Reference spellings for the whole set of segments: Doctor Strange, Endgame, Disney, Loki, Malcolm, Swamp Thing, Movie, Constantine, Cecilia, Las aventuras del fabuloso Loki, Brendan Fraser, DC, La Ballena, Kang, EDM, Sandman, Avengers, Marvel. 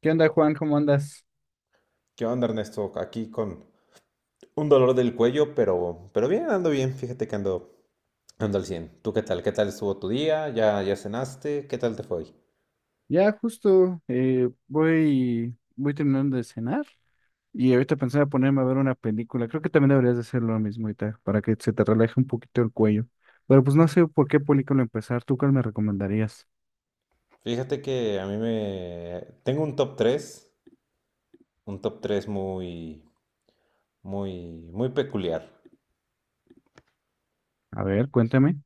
¿Qué onda, Juan? ¿Cómo andas? ¿Qué onda, Ernesto? Aquí con un dolor del cuello, pero bien, ando bien. Fíjate que ando al 100. ¿Tú qué tal? ¿Qué tal estuvo tu día? ¿Ya cenaste? ¿Qué tal te fue hoy? Ya justo voy terminando de cenar y ahorita pensaba ponerme a ver una película. Creo que también deberías de hacer lo mismo ahorita para que se te relaje un poquito el cuello. Pero pues no sé por qué película empezar. ¿Tú cuál me recomendarías? Fíjate que a mí me... Tengo un top tres muy, muy, muy peculiar. A ver, cuéntame.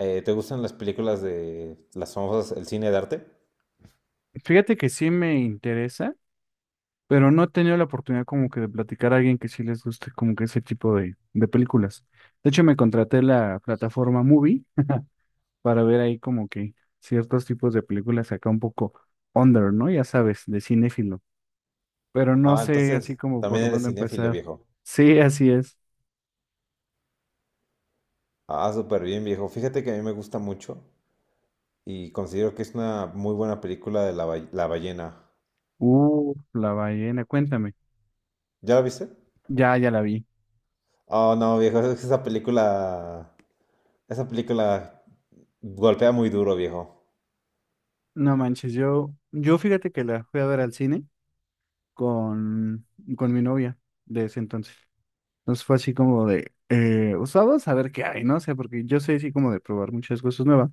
¿Te gustan las películas de las famosas, el cine de arte? Fíjate que sí me interesa, pero no he tenido la oportunidad como que de platicar a alguien que sí les guste como que ese tipo de películas. De hecho, me contraté la plataforma Movie para ver ahí como que ciertos tipos de películas acá un poco under, ¿no? Ya sabes, de cinéfilo. Pero no Ah, sé así entonces como también por eres dónde cinéfilo, empezar. viejo. Sí, así es. Ah, súper bien, viejo. Fíjate que a mí me gusta mucho y considero que es una muy buena película de La Ballena. La ballena, cuéntame. ¿Ya la viste? Ya la vi. Oh, no, viejo, es que esa película golpea muy duro, viejo. No manches, yo fíjate que la fui a ver al cine con, con mi novia de ese entonces. Entonces fue así como de, pues vamos a ver qué hay, ¿no? O sea, porque yo soy así como de probar muchas cosas nuevas.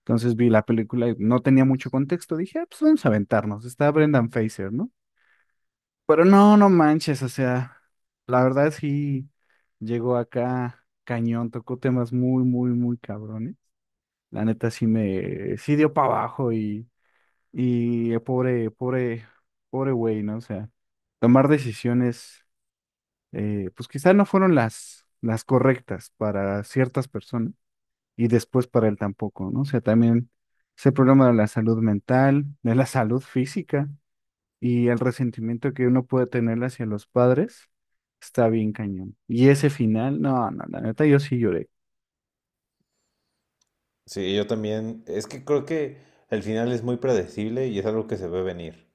Entonces vi la película y no tenía mucho contexto. Dije, "Ah, pues vamos a aventarnos. Está Brendan Fraser, ¿no? Pero no, no manches, o sea, la verdad sí llegó acá cañón, tocó temas muy, muy, muy cabrones. La neta sí me, sí dio para abajo y pobre, pobre, pobre güey, ¿no? O sea, tomar decisiones, pues quizás no fueron las correctas para ciertas personas y después para él tampoco, ¿no? O sea, también ese problema de la salud mental, de la salud física y el resentimiento que uno puede tener hacia los padres está bien cañón. Y ese final, no, no, la neta, yo sí lloré. Sí, yo también. Es que creo que el final es muy predecible y es algo que se ve venir.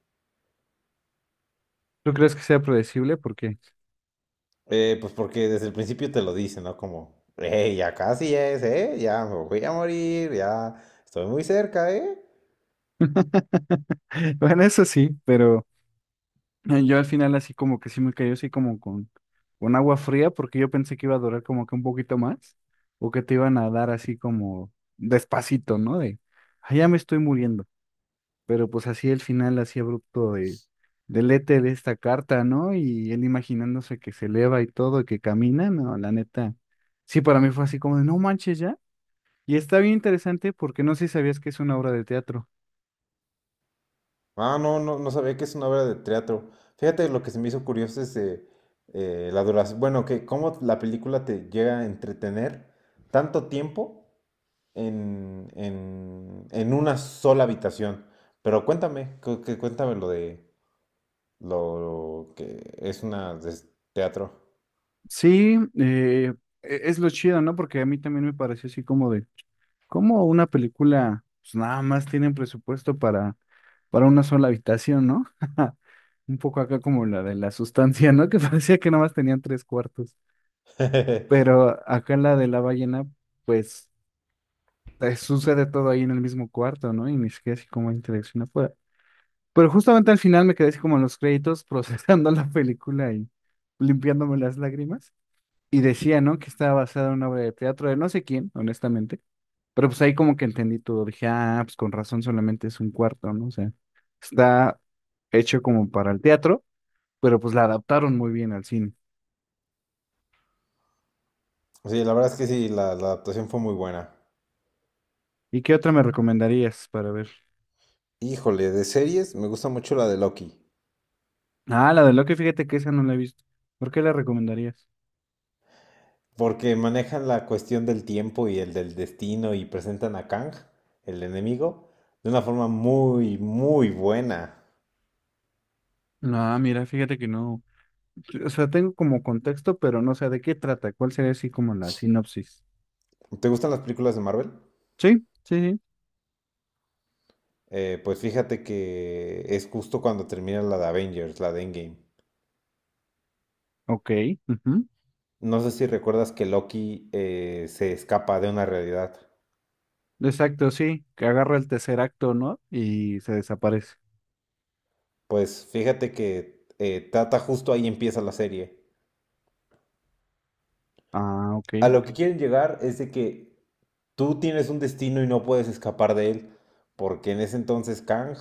¿Tú crees que sea predecible? Porque, Pues porque desde el principio te lo dicen, ¿no? Como, hey, ya casi es, ¿eh? Ya me voy a morir, ya estoy muy cerca, ¿eh? bueno, eso sí, pero yo al final así como que sí me cayó así como con agua fría porque yo pensé que iba a durar como que un poquito más o que te iban a dar así como despacito, ¿no? De, "Ah, ya me estoy muriendo. Pero pues así el final, así abrupto de, del éter de esta carta, ¿no? Y él imaginándose que se eleva y todo, y que camina, no, la neta. Sí, para mí fue así como de, no manches ya. Y está bien interesante porque no sé si sabías que es una obra de teatro. Ah, no, no, no sabía que es una obra de teatro. Fíjate, lo que se me hizo curioso es la duración, bueno, que cómo la película te llega a entretener tanto tiempo en una sola habitación. Pero cuéntame, cuéntame lo de lo que es una de teatro. Sí, es lo chido, ¿no? Porque a mí también me pareció así como de, como una película, pues nada más tienen presupuesto para una sola habitación, ¿no? Un poco acá como la de la sustancia, ¿no? Que parecía que nada más tenían tres cuartos. Pero acá en la de la ballena, pues sucede todo ahí en el mismo cuarto, ¿no? Y ni siquiera así como interacción afuera. Pero justamente al final me quedé así como en los créditos procesando la película y limpiándome las lágrimas. Y decía, ¿no? Que estaba basada en una obra de teatro de no sé quién, honestamente. Pero pues ahí como que entendí todo. Dije, ah, pues con razón solamente es un cuarto, ¿no? O sea, está hecho como para el teatro, pero pues la adaptaron muy bien al cine. Sí, la verdad es que sí, la adaptación fue muy buena. ¿Y qué otra me recomendarías para ver? Híjole, de series me gusta mucho la de Loki, Ah, la de Loki, fíjate que esa no la he visto. ¿Por qué la recomendarías? porque manejan la cuestión del tiempo y el del destino y presentan a Kang, el enemigo, de una forma muy, muy buena. No, mira, fíjate que no. O sea, tengo como contexto, pero no sé de qué trata. ¿Cuál sería así como la sinopsis? ¿Te gustan las películas de Marvel? ¿Sí? Sí, sí. Pues fíjate que es justo cuando termina la de Avengers, la de Endgame. Ok. Ujú. No sé si recuerdas que Loki se escapa de una realidad. Exacto, sí. Que agarra el tercer acto, ¿no? Y se desaparece. Pues fíjate que trata justo ahí empieza la serie. Ah, ok. A lo que quieren llegar es de que tú tienes un destino y no puedes escapar de él, porque en ese entonces Kang,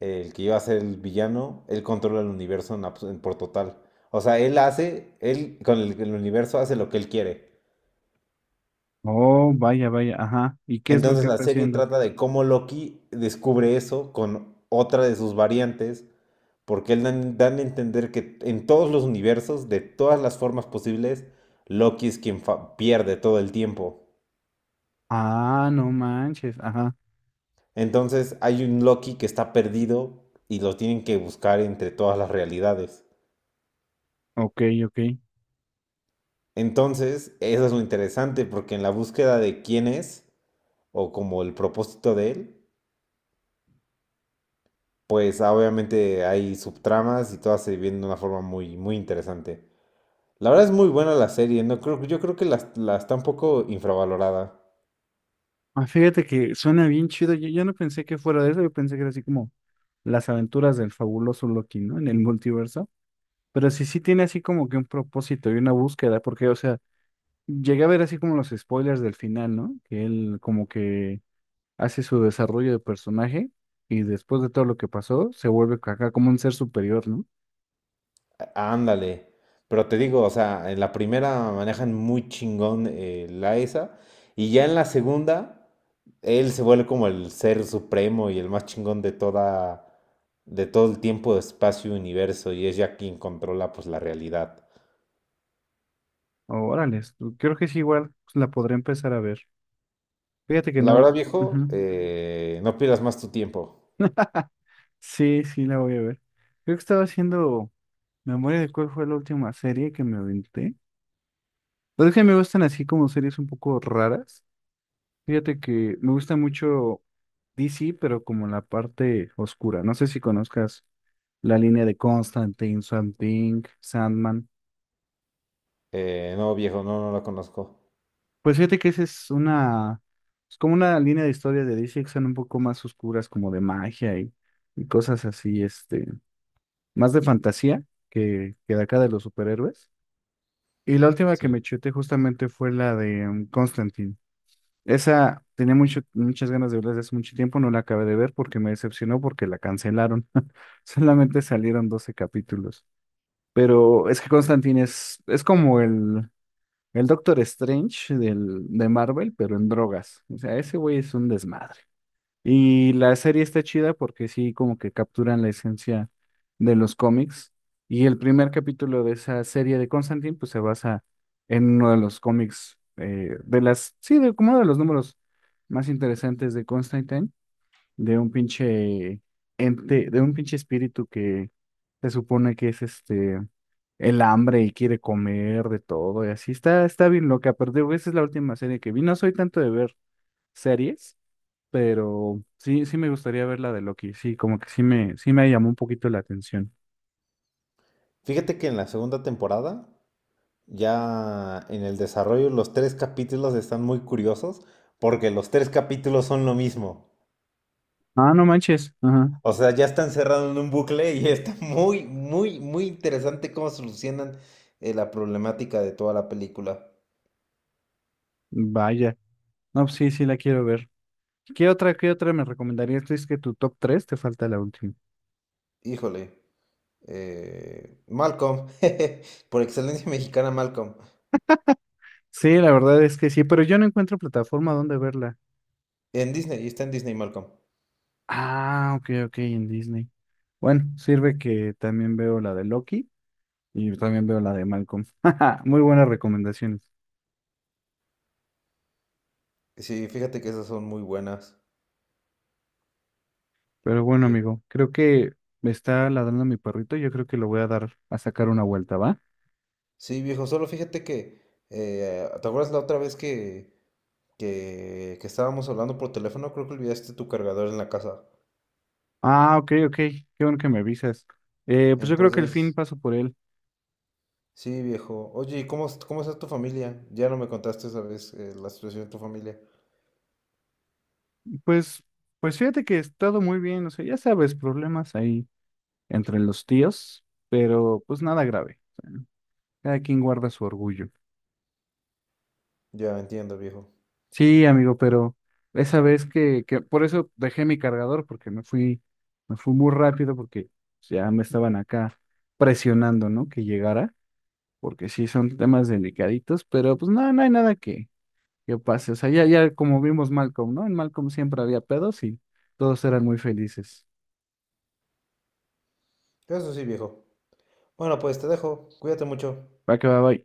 el que iba a ser el villano, él controla el universo en en por total. O sea, él hace, él con el universo hace lo que él quiere. Oh, vaya, vaya. Ajá. ¿Y qué es lo Entonces que la está serie haciendo? trata de cómo Loki descubre eso con otra de sus variantes, porque él dan a entender que en todos los universos, de todas las formas posibles, Loki es quien pierde todo el tiempo. Ah, no manches. Ajá. Entonces hay un Loki que está perdido y lo tienen que buscar entre todas las realidades. Ok, ok. Entonces, eso es lo interesante, porque en la búsqueda de quién es, o como el propósito de él, pues obviamente hay subtramas y todas se viven de una forma muy, muy interesante. La verdad es muy buena la serie, no creo, yo creo que la está un poco infravalorada. Ah, fíjate que suena bien chido. Yo no pensé que fuera de eso. Yo pensé que era así como las aventuras del fabuloso Loki, ¿no? En el multiverso. Pero sí, sí tiene así como que un propósito y una búsqueda, porque, o sea, llegué a ver así como los spoilers del final, ¿no? Que él como que hace su desarrollo de personaje y después de todo lo que pasó, se vuelve acá como un ser superior, ¿no? Ándale. Pero te digo, o sea, en la primera manejan muy chingón la esa. Y ya en la segunda, él se vuelve como el ser supremo y el más chingón de toda, de todo el tiempo, espacio, universo. Y es ya quien controla pues la realidad. Órale, creo que sí, igual pues, la podré empezar a ver. Fíjate que La no. verdad, viejo, Ujú. No pierdas más tu tiempo. Sí, sí, la voy a ver. Creo que estaba haciendo memoria de cuál fue la última serie que me aventé. Pero es que me gustan así como series un poco raras. Fíjate que me gusta mucho DC, pero como la parte oscura. No sé si conozcas la línea de Constantine, Swamp Thing, Sandman. No, viejo, no, no la conozco. Pues fíjate que esa es una, es como una línea de historia de DC que son un poco más oscuras, como de magia y cosas así, este, más de fantasía que de acá de los superhéroes. Y la última que Sí. me chuté justamente fue la de Constantine. Esa tenía mucho, muchas ganas de verla desde hace mucho tiempo, no la acabé de ver porque me decepcionó porque la cancelaron. Solamente salieron 12 capítulos. Pero es que Constantine es como el Doctor Strange del, de Marvel, pero en drogas. O sea, ese güey es un desmadre. Y la serie está chida porque sí, como que capturan la esencia de los cómics. Y el primer capítulo de esa serie de Constantine, pues se basa en uno de los cómics, de las, sí, de, como uno de los números más interesantes de Constantine, de un pinche ente, de un pinche espíritu que se supone que es este, el hambre y quiere comer de todo y así. Está, está bien loca, pero digo, esa es la última serie que vi. No soy tanto de ver series. Pero sí, sí me gustaría ver la de Loki. Sí, como que sí me llamó un poquito la atención. Fíjate que en la segunda temporada ya en el desarrollo los tres capítulos están muy curiosos porque los tres capítulos son lo mismo. Ah, no manches. Ajá. O sea, ya están cerrados en un bucle y está muy, muy, muy interesante cómo solucionan la problemática de toda la película. Vaya. No, pues sí, sí la quiero ver. Qué otra me recomendarías? Es que tu top 3 te falta la última. Híjole, Malcolm, por excelencia mexicana Malcolm, Sí, la verdad es que sí, pero yo no encuentro plataforma donde verla. en Disney, está en Disney Malcolm. Ah, ok, ok, en Disney. Bueno, sirve que también veo la de Loki y también veo la de Malcolm. Muy buenas recomendaciones. Sí, fíjate que esas son muy buenas. Pero bueno, Sí, amigo, creo que me está ladrando mi perrito. Yo creo que lo voy a dar a sacar una vuelta, ¿va? Sí, viejo, solo fíjate que, ¿te acuerdas la otra vez que que estábamos hablando por teléfono, creo que olvidaste tu cargador en la casa? Ah, ok, ok, qué bueno que me avisas. Pues yo creo que el fin Entonces, paso por él. sí, viejo. Oye, ¿y cómo, cómo está tu familia? Ya no me contaste esa vez la situación de tu familia. Pues, pues fíjate que he estado muy bien, o sea, ya sabes, problemas ahí entre los tíos, pero pues nada grave. Cada quien guarda su orgullo. Ya entiendo, viejo. Sí, amigo, pero esa vez que por eso dejé mi cargador, porque me fui muy rápido, porque ya me estaban acá presionando, ¿no? Que llegara, porque sí son temas delicaditos, pero pues no, no hay nada que pase. O sea, ya, ya como vimos Malcolm, ¿no? En Malcolm siempre había pedos y todos eran muy felices. Eso sí, viejo. Bueno, pues te dejo. Cuídate mucho. Va que va, bye.